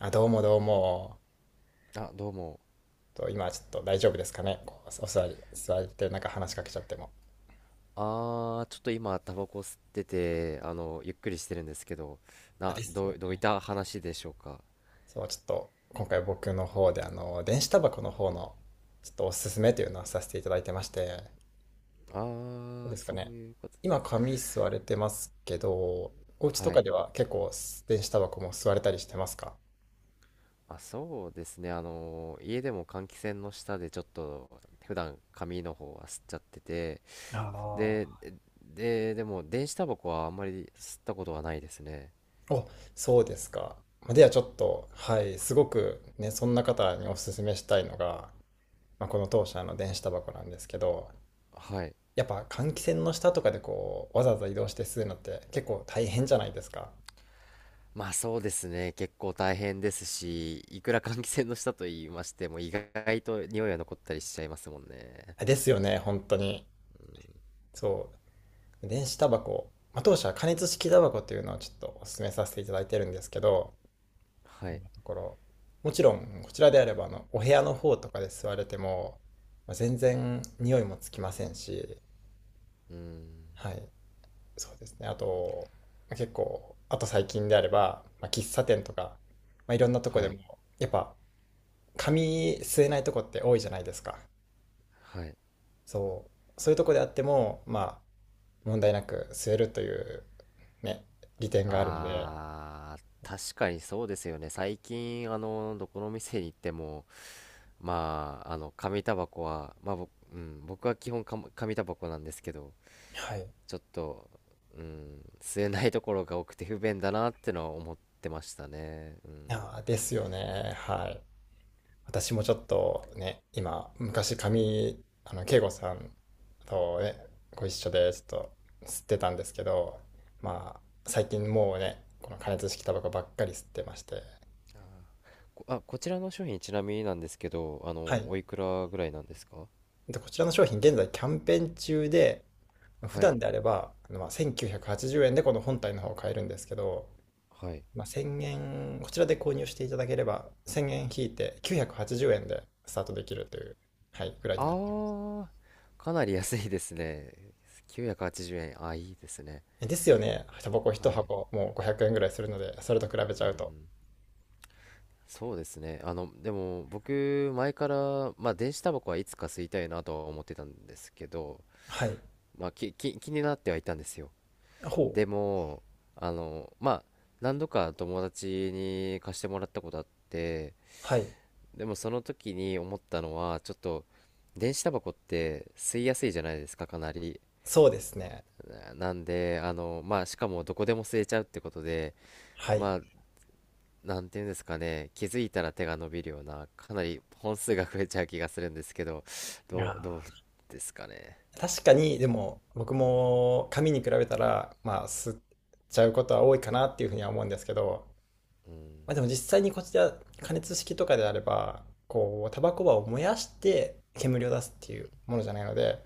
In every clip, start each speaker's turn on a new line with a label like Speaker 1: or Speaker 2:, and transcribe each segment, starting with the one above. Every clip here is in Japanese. Speaker 1: あ、どうもどうも。
Speaker 2: あ、どうも。
Speaker 1: 今ちょっと大丈夫ですかね？こうお座り、座ってなんか話しかけちゃっても。
Speaker 2: ちょっと今、タバコ吸ってて、ゆっくりしてるんですけど、
Speaker 1: あ
Speaker 2: な、
Speaker 1: です
Speaker 2: ど
Speaker 1: よ
Speaker 2: う、どういっ
Speaker 1: ね。
Speaker 2: た話でしょうか。
Speaker 1: そう、ちょっと今回僕の方で電子タバコの方のちょっとおすすめというのをさせていただいてまして、
Speaker 2: あ
Speaker 1: どうですか
Speaker 2: そう
Speaker 1: ね？
Speaker 2: いうことです。
Speaker 1: 今紙吸われてますけど、お家と
Speaker 2: は
Speaker 1: か
Speaker 2: い。
Speaker 1: では結構電子タバコも吸われたりしてますか？
Speaker 2: あ、そうですね。家でも換気扇の下でちょっと、普段紙の方は吸っちゃってて、
Speaker 1: あ
Speaker 2: で、
Speaker 1: あ。
Speaker 2: でも、電子タバコはあんまり吸ったことはないですね。
Speaker 1: お、そうですか。まあではちょっと、はい、すごくね、そんな方におすすめしたいのが、まあ、この当社の電子タバコなんですけど、
Speaker 2: はい。
Speaker 1: やっぱ換気扇の下とかでこうわざわざ移動して吸うのって結構大変じゃないですか。
Speaker 2: まあ、そうですね。結構大変ですし、いくら換気扇の下と言いましても、意外と匂いは残ったりしちゃいますもんね。
Speaker 1: ですよね、本当に。そう。電子タバコ、まあ、当社は加熱式タバコっていうのをちょっとお勧めさせていただいてるんですけど、
Speaker 2: は
Speaker 1: 今
Speaker 2: い。
Speaker 1: のところ、もちろんこちらであればあのお部屋の方とかで吸われても、まあ、全然匂いもつきませんし、
Speaker 2: うーん。
Speaker 1: はい、そうですね。あと、まあ結構、あと最近であれば、まあ、喫茶店とか、まあ、いろんなとこ
Speaker 2: は
Speaker 1: で
Speaker 2: い。
Speaker 1: も、やっぱ紙吸えないとこって多いじゃないですか。
Speaker 2: はい。
Speaker 1: そう。そういうとこであっても、まあ、問題なく吸えるという、ね、利点があるので、
Speaker 2: あー、確かにそうですよね。最近、どこの店に行っても、まあ、紙タバコは、まあ、僕、うん、僕は基本か紙タバコなんですけど、
Speaker 1: はい。
Speaker 2: ちょっと、うん、吸えないところが多くて不便だなってのは思ってましたね。うん。
Speaker 1: ああ、ですよね。はい。私もちょっとね、今、昔紙、慶吾さんとね、ご一緒で、ちょっと吸ってたんですけど、まあ、最近もうね、この加熱式タバコばっかり吸ってまして、
Speaker 2: こちらの商品ちなみになんですけど、
Speaker 1: はい。
Speaker 2: おいくらぐらいなんですか？
Speaker 1: で、こちらの商品、現在キャンペーン中で、普
Speaker 2: はい。
Speaker 1: 段であれば、まあ、1980円でこの本体の方を買えるんですけど、
Speaker 2: はい。
Speaker 1: まあ、1000円、こちらで購入していただければ、1000円引いて980円でスタートできるという、はい、ぐらい
Speaker 2: あ
Speaker 1: になってま
Speaker 2: ー、かなり安いですね。980円。あ、いいですね。
Speaker 1: す。ですよね。タバコ一
Speaker 2: はい。
Speaker 1: 箱、もう500円ぐらいするので、それと比べち
Speaker 2: う
Speaker 1: ゃうと。
Speaker 2: ん。そうですね。でも僕、前から、まあ、電子タバコはいつか吸いたいなとは思ってたんですけど、
Speaker 1: はい。
Speaker 2: まあ、気になってはいたんですよ。
Speaker 1: ほ
Speaker 2: で
Speaker 1: う。
Speaker 2: も、まあ、何度か友達に貸してもらったことあって、
Speaker 1: はい。
Speaker 2: でもその時に思ったのは、ちょっと、電子タバコって吸いやすいじゃないですか、かなり。
Speaker 1: そうですね。
Speaker 2: なんで、まあ、しかもどこでも吸えちゃうってことで、
Speaker 1: はい。い
Speaker 2: まあ、なんていうんですかね、気づいたら手が伸びるような、かなり本数が増えちゃう気がするんですけど、ど
Speaker 1: や
Speaker 2: うですかね。
Speaker 1: ー確かに、でも、僕
Speaker 2: うん
Speaker 1: も紙に比べたら、まあ、吸っちゃうことは多いかなっていうふうには思うんですけど、
Speaker 2: う
Speaker 1: ま
Speaker 2: ん、
Speaker 1: あ、でも実際にこちら加熱式とかであればこうタバコ葉を燃やして煙を出すっていうものじゃないので、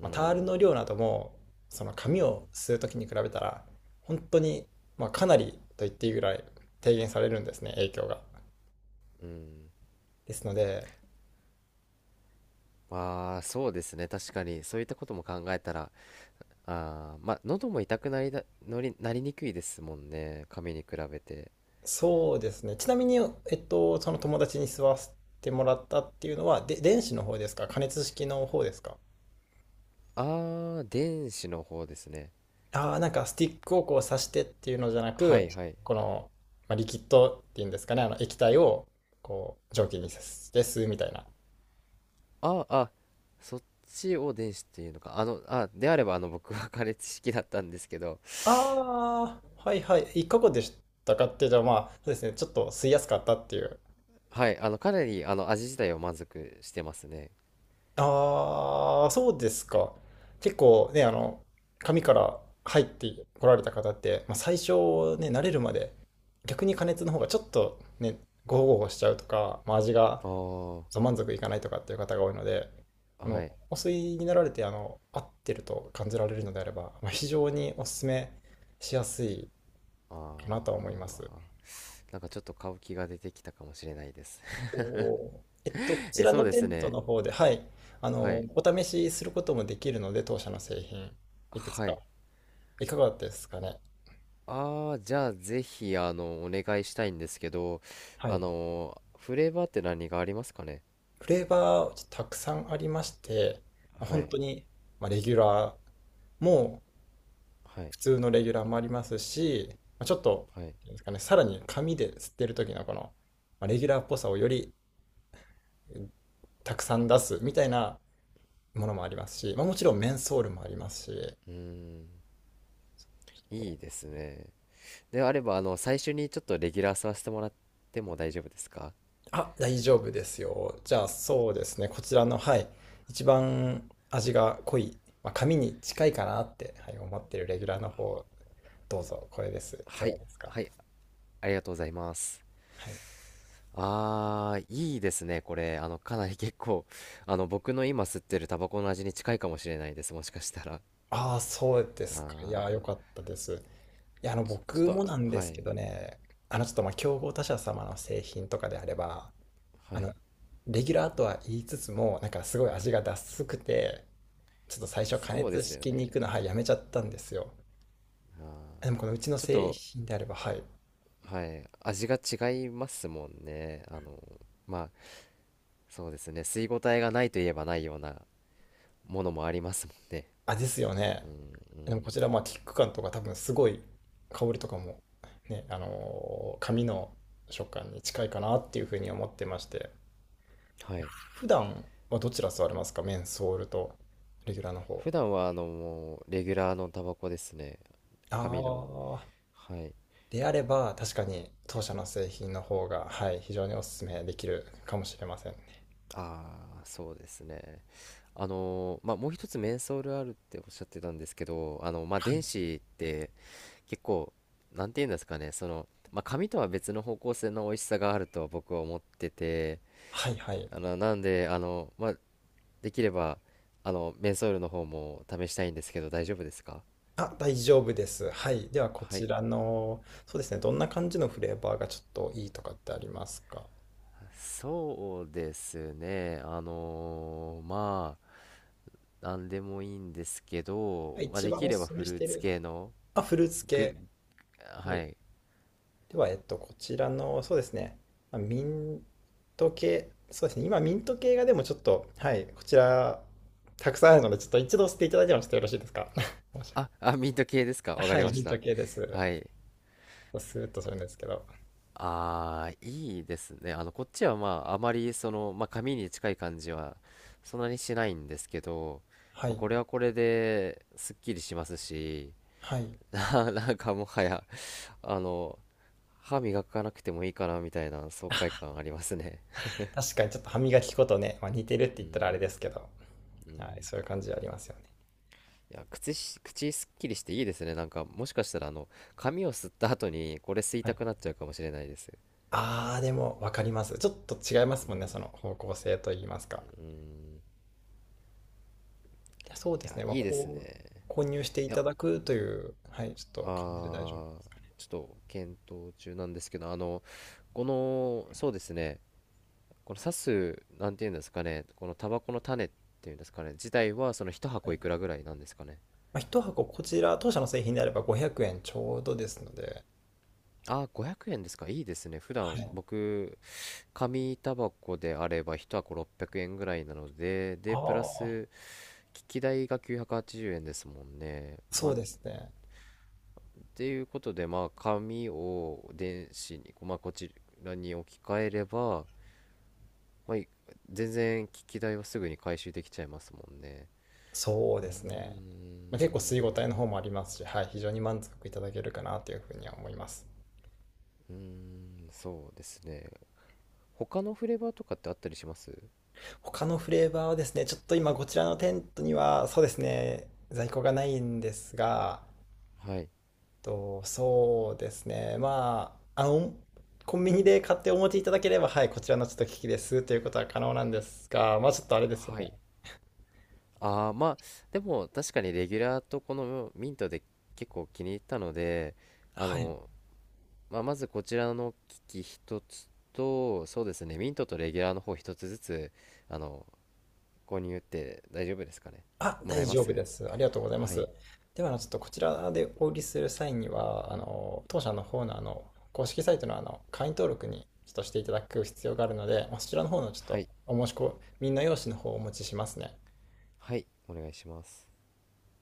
Speaker 2: う
Speaker 1: まあ、タール
Speaker 2: ん、
Speaker 1: の量などもその
Speaker 2: う
Speaker 1: 紙を
Speaker 2: ん、
Speaker 1: 吸う時に比べたら本当に、まあ、かなりと言っていいぐらい低減されるんですね影響が。
Speaker 2: うん。
Speaker 1: ですので、
Speaker 2: まあ、そうですね、確かに、そういったことも考えたら、まあ、喉も痛くなりだ、のり、なりにくいですもんね、紙に比べて。
Speaker 1: そうですね、ちなみに、その友達に吸わせてもらったっていうのはで電子の方ですか？加熱式の方ですか？
Speaker 2: あー、電子の方ですね。
Speaker 1: ああ、なんかスティックをこう刺してっていうのじゃな
Speaker 2: は
Speaker 1: く、
Speaker 2: い、はい。
Speaker 1: この、まあ、リキッドっていうんですかね、あの液体をこう蒸気にして吸うみたいな。
Speaker 2: ああ、そっちを電子っていうのか。であれば、僕は カレ式だったんですけど。
Speaker 1: ああ、はいはい。いかがでしたかって、じゃあまあ、そうですね、ちょっと吸いやすかったっていう。
Speaker 2: はい、かなり、味自体は満足してますね。
Speaker 1: ああ、そうですか。結構ね、紙から入ってこられた方って、まあ、最初ね、慣れるまで、逆に加熱の方がちょっとね、ゴホゴホしちゃうとか、まあ、味が
Speaker 2: ああ。
Speaker 1: そう満足いかないとかっていう方が多いので、
Speaker 2: はい。
Speaker 1: お吸いになられて、合ってると感じられるのであれば、まあ、非常にお勧めしやすいかなとは
Speaker 2: あ
Speaker 1: 思います。
Speaker 2: あ、なんかちょっと買う気が出てきたかもしれないです。
Speaker 1: おおー、こ ちら
Speaker 2: そ
Speaker 1: の
Speaker 2: うで
Speaker 1: テ
Speaker 2: す
Speaker 1: ント
Speaker 2: ね。
Speaker 1: の方で、はい、
Speaker 2: はい、
Speaker 1: お試しすることもできるので、当社の製品、いくつ
Speaker 2: は
Speaker 1: か、
Speaker 2: い。
Speaker 1: いかがですかね？
Speaker 2: ああ、じゃあぜひお願いしたいんですけど、
Speaker 1: はい。
Speaker 2: フレーバーって何がありますかね？
Speaker 1: フレーバー、たくさんありまして、まあ
Speaker 2: は
Speaker 1: 本
Speaker 2: い、
Speaker 1: 当に、まあ、レギュラーも
Speaker 2: はい、
Speaker 1: 普通のレギュラーもありますし、まあ、ちょっと、
Speaker 2: はい。
Speaker 1: なんですかね、さらに紙で吸ってる時のこの、まあ、レギュラーっぽさをよりたくさん出すみたいなものもありますし、まあ、もちろんメンソールもありますし、
Speaker 2: うーん、
Speaker 1: ちょっ
Speaker 2: い
Speaker 1: と
Speaker 2: いですね。であれば、最初にちょっとレギュラーさせてもらっても大丈夫ですか？
Speaker 1: あ、大丈夫ですよ。じゃあそうですね、こちらの、はい、一番味が濃い、まあ、紙に近いかなって、はい、思ってるレギュラーの方、どうぞ、これです。いか
Speaker 2: は
Speaker 1: が
Speaker 2: い、
Speaker 1: ですか？
Speaker 2: はい、ありがとうございます。
Speaker 1: はい。
Speaker 2: あー、いいですね、これ。かなり結構、僕の今吸ってるタバコの味に近いかもしれないです、もしかしたら。
Speaker 1: ああ、そうで
Speaker 2: あ
Speaker 1: すか。いやー、よ
Speaker 2: ー、
Speaker 1: かったです。いや、
Speaker 2: ちょっ
Speaker 1: 僕も
Speaker 2: と、
Speaker 1: なんで
Speaker 2: は
Speaker 1: すけ
Speaker 2: い、
Speaker 1: どね、ちょっと、まあ、競合他社様の製品とかであれば、あ
Speaker 2: はい。
Speaker 1: の、レギュラーとは言いつつも、なんかすごい味がダスくて、ちょっと最初加
Speaker 2: そうで
Speaker 1: 熱
Speaker 2: すよね。
Speaker 1: 式に行くの、はい、やめちゃったんですよ。でも、このうちの
Speaker 2: ちょっ
Speaker 1: 製
Speaker 2: と、
Speaker 1: 品であれば、はい。
Speaker 2: はい、味が違いますもんね。まあ、そうですね、吸い応えがないといえばないようなものもありますもんね。
Speaker 1: あ、ですよね。でも、こちら、まあ、キック感とか多分すごい香りとかも、ね、紙の食感に近いかなっていうふうに思ってまして、
Speaker 2: はい。
Speaker 1: 普段はどちら座れますか？メンソールとレギュラーの方。
Speaker 2: 普段はもうレギュラーのタバコですね。
Speaker 1: あ
Speaker 2: 紙の。
Speaker 1: あ、
Speaker 2: はい。
Speaker 1: であれば確かに当社の製品の方が、はい、非常にお勧めできるかもしれませんね。
Speaker 2: ああ、そうですね。まあ、もう一つメンソールあるっておっしゃってたんですけど、まあ
Speaker 1: は
Speaker 2: 電
Speaker 1: い、
Speaker 2: 子って、結構なんて言うんですかね、そのまあ紙とは別の方向性の美味しさがあるとは僕は思ってて、
Speaker 1: はい、はい。
Speaker 2: なんで、まあ、できればメンソールの方も試したいんですけど大丈夫ですか？
Speaker 1: あ、大丈夫です。はい。ではこ
Speaker 2: は
Speaker 1: ち
Speaker 2: い。
Speaker 1: らの、そうですね、どんな感じのフレーバーがちょっといいとかってありますか？
Speaker 2: そうですね。まあ、なんでもいいんですけど、まあ、
Speaker 1: 一
Speaker 2: で
Speaker 1: 番
Speaker 2: き
Speaker 1: お
Speaker 2: れば
Speaker 1: 勧め
Speaker 2: フ
Speaker 1: し
Speaker 2: ルー
Speaker 1: て
Speaker 2: ツ
Speaker 1: る。
Speaker 2: 系の、
Speaker 1: あ、フルーツ
Speaker 2: グ
Speaker 1: 系。
Speaker 2: ル、
Speaker 1: は
Speaker 2: は
Speaker 1: い。
Speaker 2: い。
Speaker 1: では、こちらの、そうですね、まあミント系、そうですね、今ミント系がでもちょっと、はい、こちら、たくさんあるので、ちょっと一度捨てていただいてもちょっとよろしいですか？
Speaker 2: あ、あ、ミント系ですか。わか
Speaker 1: は
Speaker 2: り
Speaker 1: い、
Speaker 2: ま
Speaker 1: ミ
Speaker 2: し
Speaker 1: ント
Speaker 2: た。
Speaker 1: 系です。
Speaker 2: はい。
Speaker 1: スーッとするんですけど。
Speaker 2: ああ、いいですね。こっちはまあ、あまりその、まあ、紙に近い感じは、そんなにしないんですけど、
Speaker 1: は
Speaker 2: まあ
Speaker 1: い。
Speaker 2: これはこれで、すっきりしますし、
Speaker 1: はい。
Speaker 2: なんかもはや、あの、歯磨かなくてもいいかな、みたいな爽快感ありますね。
Speaker 1: 確かにちょっと歯磨き粉とね、まあ、似てるって
Speaker 2: う
Speaker 1: 言ったらあ
Speaker 2: ん、
Speaker 1: れですけど、
Speaker 2: う
Speaker 1: はい、
Speaker 2: ん。
Speaker 1: そういう感じありますよね。
Speaker 2: いや、口すっきりしていいですね。なんか、もしかしたら、髪を吸った後に、これ吸い
Speaker 1: は
Speaker 2: た
Speaker 1: い。
Speaker 2: くなっちゃうかもしれないです。
Speaker 1: あー、でもわかります。ちょっと違います
Speaker 2: う
Speaker 1: もん
Speaker 2: ん、
Speaker 1: ね、その方向性といいますか。
Speaker 2: うん。
Speaker 1: いやそうで
Speaker 2: いや、
Speaker 1: すね、まあ、
Speaker 2: いいですね。
Speaker 1: こう、購入してい
Speaker 2: いや、
Speaker 1: ただくという、はい、ちょっと感じで大丈夫。
Speaker 2: あー、ちょっと検討中なんですけど、この、そうですね、この刺す、なんていうんですかね、このタバコの種っていうんですかね、自体は、その一
Speaker 1: は
Speaker 2: 箱
Speaker 1: い。
Speaker 2: いくらぐらいなんですかね。
Speaker 1: まあ、箱こちら、当社の製品であれば500円ちょうどですので、
Speaker 2: あー、500円ですか。いいですね。普
Speaker 1: は
Speaker 2: 段、
Speaker 1: い。
Speaker 2: 僕、紙タバコであれば、一箱600円ぐらいなので、
Speaker 1: あ
Speaker 2: で、プラ
Speaker 1: あ、
Speaker 2: ス、機器代が980円ですもんね。ま
Speaker 1: そ
Speaker 2: あ、
Speaker 1: う
Speaker 2: っ
Speaker 1: ですね。
Speaker 2: ていうことで、まあ、紙を電子に、まあ、こちらに置き換えれば、まあ、全然機器代はすぐに回収できちゃいますもんね。
Speaker 1: そう
Speaker 2: うー
Speaker 1: ですね。まあ、結構吸い応え
Speaker 2: ん、
Speaker 1: の方もありますし、はい、非常に満足いただけるかなというふうには思います。
Speaker 2: うーん、そうですね。他のフレーバーとかってあったりします？
Speaker 1: 他のフレーバーはですね、ちょっと今こちらのテントには、そうですね、在庫がないんですが、
Speaker 2: はい。
Speaker 1: と、そうですね、まあ、コンビニで買ってお持ちいただければ、はい、こちらのちょっと機器ですということは可能なんですが、まあちょっとあれですよ
Speaker 2: は
Speaker 1: ね。
Speaker 2: い。ああ、まあ、でも確かにレギュラーとこのミントで結構気に入ったので、あ
Speaker 1: はい。
Speaker 2: の、まあ、まずこちらの機器一つと、そうですね、ミントとレギュラーの方一つずつ、あの、購入って大丈夫ですかね？
Speaker 1: あ、
Speaker 2: もらえ
Speaker 1: 大
Speaker 2: ま
Speaker 1: 丈夫
Speaker 2: す？
Speaker 1: です。ありがとうございま
Speaker 2: は
Speaker 1: す。
Speaker 2: い。
Speaker 1: では、ちょっとこちらでお売りする際には、当社の方の、公式サイトの、会員登録にちょっとしていただく必要があるので、まあそちらの方のちょっ
Speaker 2: は
Speaker 1: と
Speaker 2: い。
Speaker 1: お申し込みの用紙の方をお持ちしますね。
Speaker 2: はい。お願いします。